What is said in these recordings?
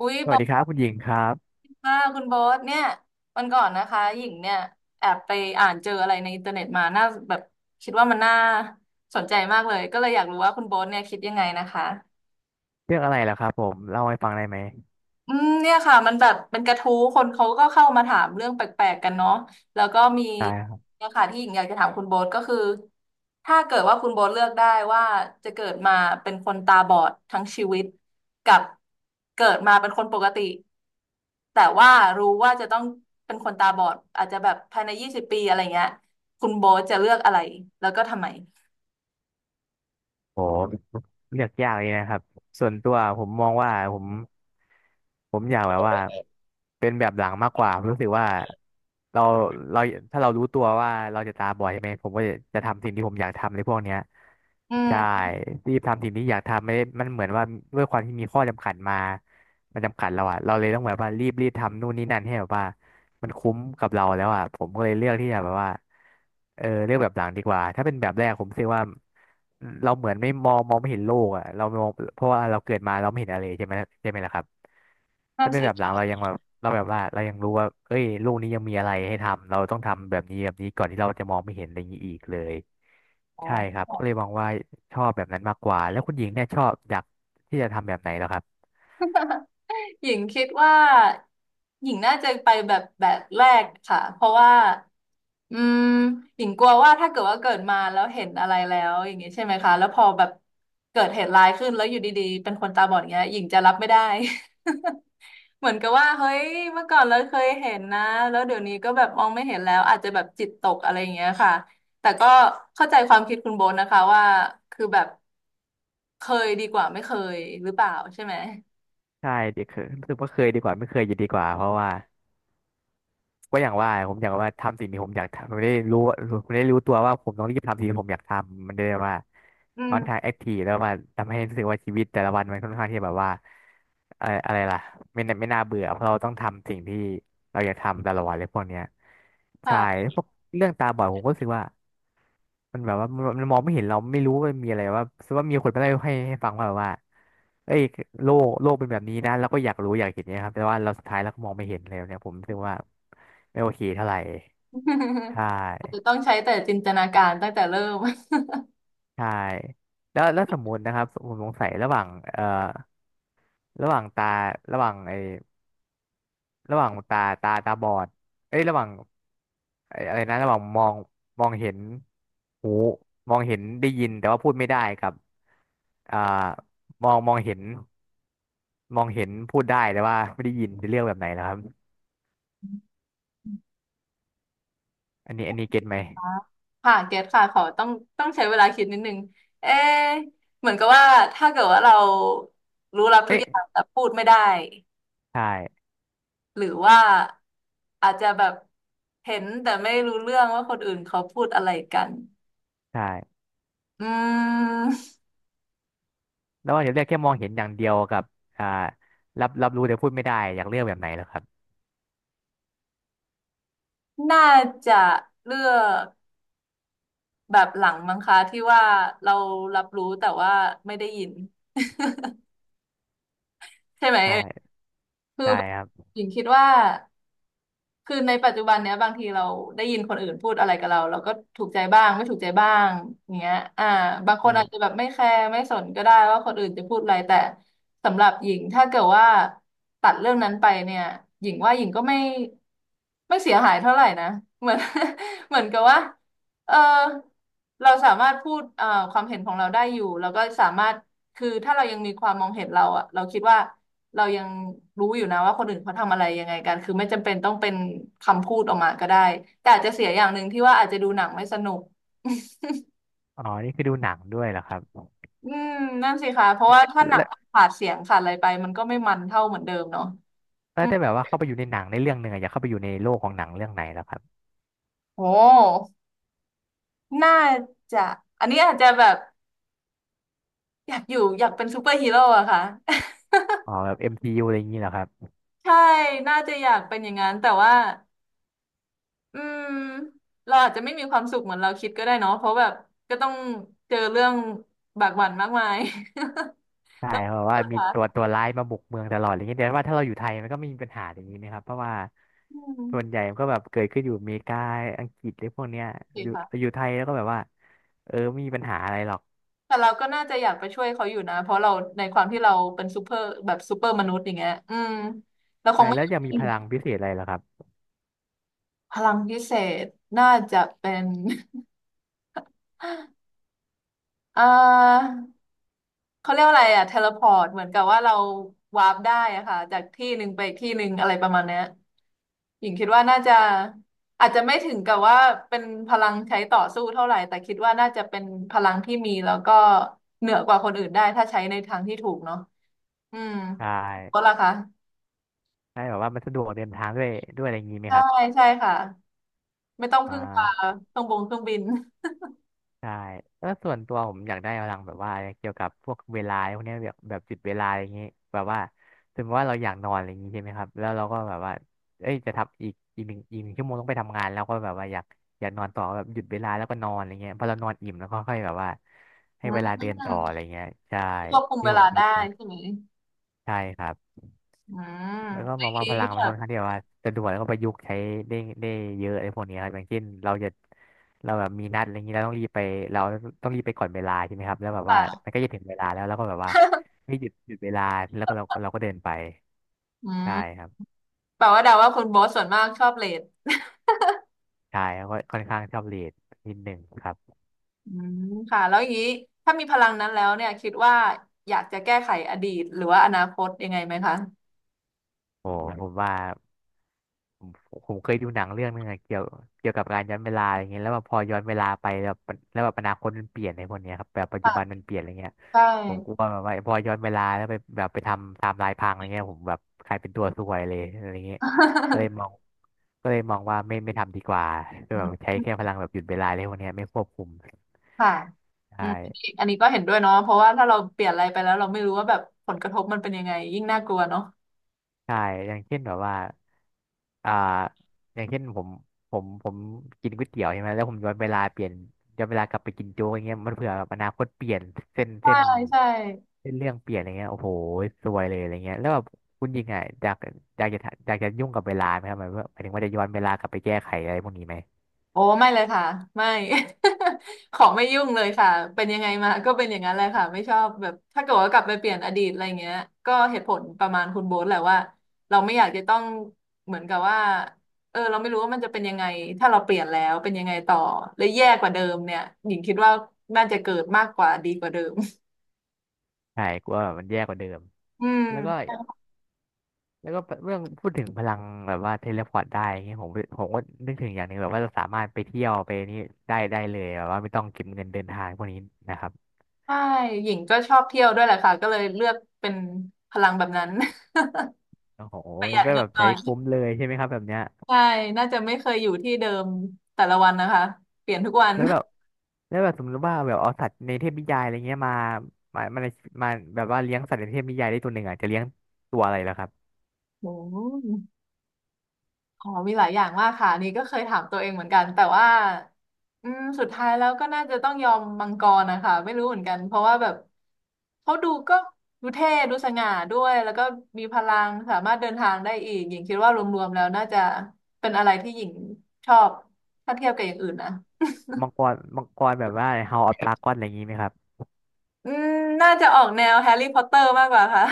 อุ้ยสบวัสอดีครับสคุณหญิงครับค่ะคุณบอสเนี่ยวันก่อนนะคะหญิงเนี่ยแอบไปอ่านเจออะไรในอินเทอร์เน็ตมาน่าแบบคิดว่ามันน่าสนใจมากเลยก็เลยอยากรู้ว่าคุณบอสเนี่ยคิดยังไงนะคะ เรื่องอะไรล่ะครับผมเล่าให้ฟังได้ไหมอืมเนี่ยค่ะมันแบบเป็นกระทู้คนเขาก็เข้ามาถามเรื่องแปลกๆกันเนาะแล้วก็มีได้ครับเนี่ยค่ะที่หญิงอยากจะถามคุณโบ๊ทก็คือถ้าเกิดว่าคุณโบ๊ทเลือกได้ว่าจะเกิดมาเป็นคนตาบอดทั้งชีวิตกับเกิดมาเป็นคนปกติแต่ว่ารู้ว่าจะต้องเป็นคนตาบอดอาจจะแบบภายใน20 ปีอะไรเงี้ยคุณโบ๊ทจะเลือกอะไรแล้วก็ทำไมโอเลือกยากเลยนะครับส่วนตัวผมมองว่าผมอยากแบบว่าเป็นแบบหลังมากกว่าผมรู้สึกว่าเราเราถ้าเรารู้ตัวว่าเราจะตาบอดใช่ไหมผมก็จะทำสิ่งที่ผมอยากทำในพวกเนี้ยอืมใช่รีบทำสิ่งที่อยากทำไม่ได้มันเหมือนว่าด้วยความที่มีข้อจำกัดมามันจำกัดเราอะเราเลยต้องแบบว่ารีบทำนู่นนี่นั่นให้แบบว่า มันคุ้มกับเราแล้วอ่ะผมก็เลยเลือกที่จะแบบว่าเออเลือกแบบหลังดีกว่าถ้าเป็นแบบแรกผมรู้สึกว่าเราเหมือนไม่มองมองไม่เห็นโลกอ่ะเรามองเพราะว่าเราเกิดมาเราไม่เห็นอะไรใช่ไหมใช่ไหมล่ะครับนั่ถ้านเป็นสิแบบหลัคะงเรายังแบบเราแบบว่าเรายังรู้ว่าเอ้ยโลกนี้ยังมีอะไรให้ทำเราต้องทำแบบนี้แบบนี้ก่อนที่เราจะมองไม่เห็นอะไรอย่างนี้อีกเลยอ๋ใช่คอ รับก็เลยมองว่าชอบแบบนั้นมากกว่าแล้วคุณหญิงเนี่ยชอบอยากที่จะทำแบบไหนแล้วครับหญิงคิดว่าหญิงน่าจะไปแบบแบบแรกค่ะเพราะว่าอืมหญิงกลัวว่าถ้าเกิดว่าเกิดมาแล้วเห็นอะไรแล้วอย่างงี้ใช่ไหมคะแล้วพอแบบเกิดเหตุร้ายขึ้นแล้วอยู่ดีๆเป็นคนตาบอดอย่างเงี้ยหญิงจะรับไม่ได้ เหมือนกับว่าเฮ้ยเมื่อก่อนเราเคยเห็นนะแล้วเดี๋ยวนี้ก็แบบมองไม่เห็นแล้วอาจจะแบบจิตตกอะไรอย่างเงี้ยค่ะแต่ก็เข้าใจความคิดคุณโบนนะคะว่าคือแบบเคยดีกว่าไม่เคยหรือเปล่าใช่ไหมใช่ดีคือรู้สึกว่าเคยดีกว่าไม่เคยจะดีกว่าเพราะว่า ก็อย่างว่าผมอยากว่าทำสิ่งที่ผมอยากทำผมได้รู้ว่าผมได้รู้ตัวว่าผมต้องรีบทำสิ่งที่ผมอยากทำมันได้ว่าอืออนทางมแอคทีฟแล้วม่าทำให้รู้สึกว่าชีวิตแต่ละวันมันค่อนข้างที่แบบว่าอะไรล่ะไม่น่าเบื่อเพราะเราต้องทำสิ่งที่เราอยากทำแต่ละวันเลยพวกเนี้ยใช่ค่ะ พวกเรื่องตาบอดผมก็รู้สึกว่า มันแบบว่ามันมองไม่เห็นเราไม่รู้ว่ามนมีอะไรว่าสมมติว่ามีคนมาเล่าให้ฟังว่าแบบว่าเอ้ยโลกเป็นแบบนี้นะเราก็อยากรู้อยากเห็นเนี่ยครับแต่ว่าเราสุดท้ายเราก็มองไม่เห็นเลยเนี่ยผมคิดึกว่าไม่โอเคเท่าไหร่ใช อาจจะต้่องใช้แต่จินตนาการตั้งแต่เริ่ม ใช่แล้วแล้วสมมตินะครับผมสงสัยระหว่างเอ่อระหว่างตาระหว่างไอ้ระหว่างตาบอดเอ้ยระหว่างไอ้อะไรนะระหว่างมองมองเห็นหูมองเห็นได้ยินแต่ว่าพูดไม่ได้กับอ่ามองเห็น มองเห็นพูดได้แต่ว่าไม่ได้ยินจะเรียกแบบไหนนะครับอันนี้เก็ตไหม ค่ะเกตค่ะขอต้องใช้เวลาคิดนิดนึงเอ๊ะเหมือนกับว่าถ้าเกิดว่าเรารู้รับทุกเอ๊ะอย่างแต่พูดไม่ได้ใช่หรือว่าอาจจะแบบเห็นแต่ไม่รู้เรื่องว่าคนอื่นเขาพูดอะไรกันใช่อืมแล้วว่าจะเรียกแค่มองเห็นอย่างเดียวกับอ่ารับรู้แต่พูดไม่ได้อยากเรียกแบบไหนเหรอครับน่าจะเลือกแบบหลังมั้งคะที่ว่าเรารับรู้แต่ว่าไม่ได้ยิน ใช่ไหมเอ่ยใช่คือใช่แบบครับหญิงคิดว่า คือในปัจจุบันเนี้ยบางทีเราได้ยินคนอื่นพูดอะไรกับเราเราก็ถูกใจบ้างไม่ถูกใจบ้างอย่างเงี้ยบางคนอาจจะอ่าแบบไม่แคร์ไม่สนก็ได้ว่าคนอื่นจะพูดอะไรแต่สำหรับหญิงถ้าเกิดว่าตัดเรื่องนั้นไปเนี่ยหญิงว่าหญิงก็ไม่เสียหายเท่าไหร่นะเหมือน เหมือนกับว่าเออเราสามารถพูดความเห็นของเราได้อยู่แล้วก็สามารถคือถ้าเรายังมีความมองเห็นเราอะเราคิดว่า เรายังรู้อยู่นะว่าคนอื่นเขาทำอะไรยังไงกัน คือไม่จำเป็นต้องเป็นคำพูดออกมาก็ได้ แต่อาจจะเสียอย่างหนึ่งที่ว่าอาจจะดูหนังไม่สนุกอ๋อนี่คือดูหนังด้วยเหรอครับอืมนั่นสิคะเพราะว่าถ้าหนังแล้วขาดเสียงขาดอะไรไปมันก็ไม่มันเท่าเหมือนเดิมเนาะแล้อืวมถ้าแบบว่าเข้าไปอยู่ในหนังในเรื่องหนึ่งอะอยากเข้าไปอยู่ในโลกของหนังเรื่องไหนเหรอครับโอ้น่าจะอันนี้อาจจะแบบอยากอยู่อยากเป็นซูเปอร์ฮีโร่อะค่ะ อ๋อแบบ MCU อมซียูอะไรอย่างนี้เหรอครับ ใช่ น่าจะอยากเป็นอย่างนั้น แต่ว่าอืมเราอาจจะไม่มีความสุขเหมือนเราคิดก็ได้เนาะเพราะแบบก็ต้องเจอเรื่องบากบั่นมากมาย ใช่ แล้วเพราะว่าก็มีตัวค่ะตัวร้ายมาบุกเมืองตลอดอะไรเงี้ยแต่ว่าถ้าเราอยู่ไทยมันก็ไม่มีปัญหาอย่างนี้นะครับเพราะว่าอืมส่วนใหญ่มันก็แบบเกิดขึ้นอยู่อเมริกาอังกฤษหรือพวกเนี้ยดีอยู่อค่ะยู่ไทยแล้วก็แบบว่าเออไม่มีปัญหาอะไรหรอกแต่เราก็น่าจะอยากไปช่วยเขาอยู่นะเพราะเราในความที่เราเป็นซูเปอร์แบบซูเปอร์มนุษย์อย่างเงี้ยอืมเราคใช่งไม่แล้วยอจะมีมพลังพิเศษอะไรเหรอครับพลังพิเศษน่าจะเป็น อ่าเขาเรียกว่าอะไรอะเทเลพอร์ตเหมือนกับว่าเราวาร์ปได้อะค่ะจากที่หนึ่งไปอีกที่หนึ่งอะไรประมาณเนี้ยหญิงคิดว่าน่าจะอาจจะไม่ถึงกับว่าเป็นพลังใช้ต่อสู้เท่าไหร่ แต่คิดว่าน่าจะเป็นพลังที่มีแล้วก็เหนือกว่าคนอื่นได้ถ้าใช้ในทางที่ถูกเนาะ อืมใช่ก็ล่ะคะใช่แบบว่ามันสะดวกเดินทางด้วยอะไรอย่างนี้ไหมใช่ครับใช่ค่ะไม่ต้องอ่พึ่งพาา เครื่องบินใช่แล้วส่วนตัวผมอยากได้พลังแบบว่าเกี่ยวกับพวกเวลาพวกเนี้ยแบบแบบจุดเวลาอย่างงี้แบบว่าสมมติว่าเราอยากนอนอะไรอย่างงี้ใช่ไหมครับแล้วเราก็แบบว่าเอ้ยจะทำอีกหนึ่งชั่วโมงต้องไปทำงานแล้วก็แบบว่าอยากอยากนอนต่อแบบหยุดเวลาแล้วก็นอนอะไรเงี้ยพอเรานอนอิ่มแล้วก็ค่อยแบบว่าให้อืเวลาเดิมนต่ออะไรเงี้ยใช่ควบคุมที่เวผลามคิได้ดนะใช่ไหมใช่ครับ อืมแล้วก็มองว่าไอ้พลังแบมันค่อบนข้างที่แบบว่าจะด่วนแล้วก็ประยุกต์ใช้ได้ได้เยอะไอ้พวกนี้ครับอย่างเช่นเราจะเราแบบมีนัดอะไรอย่างนี้เราต้องรีบไปเราต้องรีบไปก่อนเวลาใช่ไหมครับแล้วแบบว่ามันค่ะก็จะถึงเวลาแล้วแล้วก็แบบว่าไม่หยุดเวลาแล้วก็เราก็เดินไปอืมใช่ครับแปลว่าเดาว่าคุณโบสส่วนมากชอบเลทใช่แล้วก็ค่อนข้างชอบเียนิดหนึ่งครับอืมค่ะแล้วอย่างนี้ถ้ามีพลังนั้นแล้วเนี่ยคิดว่าอยากจะแก้ไขอดีตหรือว่าอนาคตยังไงไหมคะโอ้ผมว่า ผมผมเคยดูหนังเรื่องนึงอะเกี่ยวกับการย้อนเวลาอะไรเงี้ยแล้วแบบพอย้อนเวลาไปแบบแล้วแบบอนาคตมันเปลี่ยนในพวกเนี้ยครับแบบปัจจุค่ะบันมันเปลี่ยนอะไรเงี้ยใช่ ผมกลัวแบบว่าพอย้อนเวลาแล้วไปแบบไปทำไทม์ไลน์พังอะไรเงี้ยผมแบบกลายเป็นตัวซวยเลยอะไรเงี้ยก็เลยมองก็เลยมองว่าไม่ทำดีกว่าก็แบบใช้ แค่พลังแบบหยุดเวลาเลยพวกเนี้ยไม่ควบคุมค่ะใช่ อืมอันนี้ก็เห็นด้วยเนาะเพราะว่าถ้าเราเปลี่ยนอะไรไปแล้วเราไม่รู้ว่าแบบผลกระทบมันเป็นยังไงยิ่งน่ากลัวเนาะ ใช่อย่างเช่นแบบว่าอ่าอย่างเช่นผมผมกินก๋วยเตี๋ยวใช่ไหมแล้วผมย้อนเวลาเปลี่ยนย้อนเวลากลับไปกินโจ๊กอย่างเงี้ยมันเผื่อแบบอนาคตเปลี่ยนเส้นเส้นใช่ใช่เส้นเรื่องเปลี่ยนอะไรเงี้ยโอ้โหซวยเลยอะไรเงี้ยแล้วแบบคุณยิงอ่ะอยากอยากจะทำอยากจะยุ่งกับเวลาไหมครับหมายว่าหมายถึงว่าจะย้อนเวลากลับไปแก้ไขอะไรพวกนี้ไหมโอ้ไม่เลยค่ะไม่ ขอไม่ยุ่งเลยค่ะเป็นยังไงมาก็เป็นอย่างนั้นแหละค่ะไม่ชอบแบบถ้าเกิดว่ากลับไปเปลี่ยนอดีตอะไรเงี้ยก็เหตุผลประมาณคุณโบ๊ทแหละว่าเราไม่อยากจะต้องเหมือนกับว่าเออเราไม่รู้ว่ามันจะเป็นยังไงถ้าเราเปลี่ยนแล้วเป็นยังไงต่อและแย่กว่าเดิมเนี่ยหญิงคิดว่าน่าจะเกิดมากกว่าดีกว่าเดิม ใช่กลัวแบบมันแย่กว่าเดิม อืมแล้วก็ แล้วก็เรื่องพูดถึงพลังแบบว่าเทเลพอร์ตได้อย่างเงี้ยผมก็นึกถึงอย่างหนึ่งแบบว่าเราสามารถไปเที่ยวไปนี่ได้เลยแบบว่าไม่ต้องเก็บเงินเดินทางพวกนี้นะครับใช่หญิงก็ชอบเที่ยวด้วยแหละค่ะก็เลยเลือกเป็นพลังแบบนั้น โอ้โห ประหงั้ยันดก็เงิแบนบหใช้น่อย คุ้มเลยใช่ไหมครับแบบเนี้ยใช่น่าจะไม่เคยอยู่ที่เดิมแต่ละวันนะคะแล้วแบบแล้วแบบสมมติว่าแบบเอาสัตว์ในเทพนิยายอะไรเงี้ยมามาในมาแบบว่าเลี้ยงสัตว์ในเทพนิยายได้ตัวหนึ่งอ่ะจะเลี้ยงตัวอะไรล่ะครับโอ้อ๋อมีหลายอย่างมากค่ะอันนี่ก็เคยถามตัวเองเหมือนกันแต่ว่าสุดท้ายแล้วก็น่าจะต้องยอมมังกรนะคะไม่รู้เหมือนกันเพราะว่าแบบเขาดูก็ดูเท่ดูสง่าด้วยแล้วก็มีพลังสามารถเดินทางได้อีกหญิงคิดว่ารวมๆแล้วน่าจะเป็นอะไรที่หญิงชอบถ้าเทียบกับอย่างอื่นนะมังกรแบบว่า House of Dragon อะไรอย่างงี้ไหมครับอืมน่าจะออกแนวแฮร์รี่พอตเตอร์มากกว่าค่ะ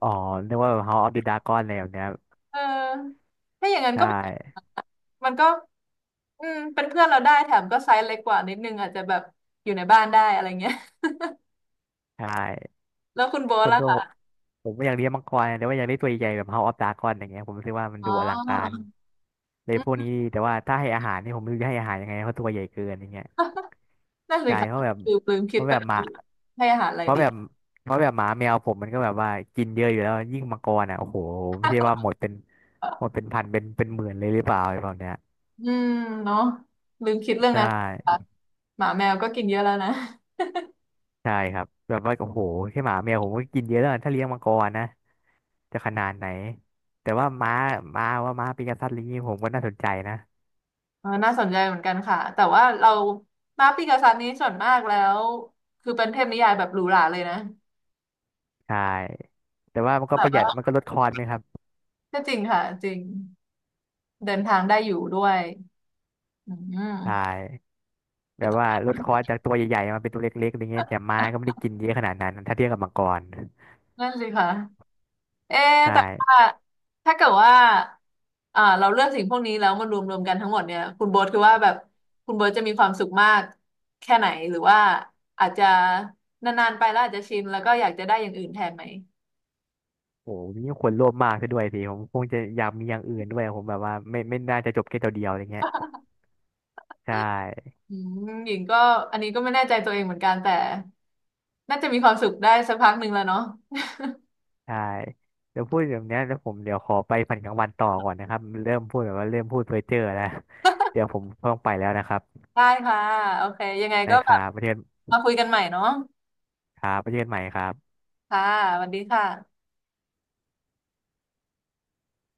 อ๋อนึกว่าแบบ House of the Dragon อะไรแบบเนี้ยเออถ้าอย่างนั้นใช่ก็เป็นมันก็เป็นเพื่อนเราได้แถมก็ไซส์เล็กกว่านิดนึงอาจจะแบบอยู่ในบ้านได้อะไรเงี้ย ใช่ แล้วคุณโบ๊ทส่วนล่ะตัวผมคะผมไม่อยากเลี้ยงมังกรนะแต่ว่าอยากได้ตัวใหญ่ๆแบบ House of Dragon อย่างเงี้ยผมรู้สึกว่ามันอ๋ดูอลังการอเลยอืพวกมนี้แต่ว่าถ้าให้อาหารนี่ผมไม่รู้จะให้อาหารยังไงเพราะตัวใหญ่เกินอย่างเงี้ยนั่นสิใช่คะเพราะแบบคือลืมเพคิดราะไปแบบแล้หมาวให้อาหารอะไรเพราะดี แบบเพราะแบบหมาแมวผมมันก็แบบว่ากินเยอะอยู่แล้วยิ่งมังกรอ่ะโอ้โหไม่ใช่ว่าหมดเป็นหมดเป็ นพันเป็นหมื่นเลยหรือเปล่าอะไรแบบเนี้ยอืมเนาะลืมคิดเรื่องใช่นั้นค่ะหมาแมวก็กินเยอะแล้วนะ ใช่ครับแบบว่าโอ้โหแค่หมาแมวผมก็กินเยอะแล้วถ้าเลี้ยงมังกรนะ จะขนาดไหนแต่ว่าม้าปีกษัตริย์อะไรนี้ผมก็น่าสนใจนะเออน่าสนใจเหมือนกันค่ะแต่ว่าเรามาปีกาซันนี้ส่วนมากแล้วคือเป็นเทพนิยายแบบหรูหราเลยนะใช่แต่ว่ามันก็แบปบระหยัว่าดมันก็ลดคอร์สไหมครับก็จริงค่ะจริงเดินทางได้อยู่ด้วย อืใชม่แบไปบต่ว่าอลดคอร์สจากตัวใหญ่ๆมาเป็นตัวเล็กๆอะไรเงี้ยแต่ม้าก็ไม่ได้กินเยอะขนาดนั้นถ้าเทียบกับมังกรนั่นสิคะเอ๊ะใช่แต่ว่าถ้าเกิดว่าเราเลือกสิ่งพวกนี้แล้วมันรวมกันทั้งหมดเนี่ยคุณโบ๊ทคือว่าแบบคุณโบ๊ทจะมีความสุขมากแค่ไหนหรือว่าอาจจะนานๆไปแล้วอาจจะชินแล้วก็อยากจะได้อย่างอื่นแทนไหมโอ้ยนี่คนโลภมากซะด้วยสิผมคงจะอยากมีอย่างอื่นด้วยผมแบบว่าไม่น่าจะจบแค่ตัวเดียวอะไรเงี้ยใช่อืหญิงก็อันนี้ก็ไม่แน่ใจตัวเองเหมือนกันแต่น่าจะมีความสุขได้สักพักหนึ่งแล้วเนาะใช่เดี๋ยวพูดแบบเนี้ยแล้วผมเดี๋ยวขอไปฝันกลางวันต่อก่อนนะครับเริ่มพูดแบบว่าเริ่มพูดเพ้อเจ้อแล้วเดี๋ยวผมต้องไปแล้วนะครับได้ค่ะโอเคยังไงได้ก็คแบรับบประเทศ มาคุยกันใหม่เนาะครับไปเจอกันใหม่ครับค่ะสวัสดีค่ะ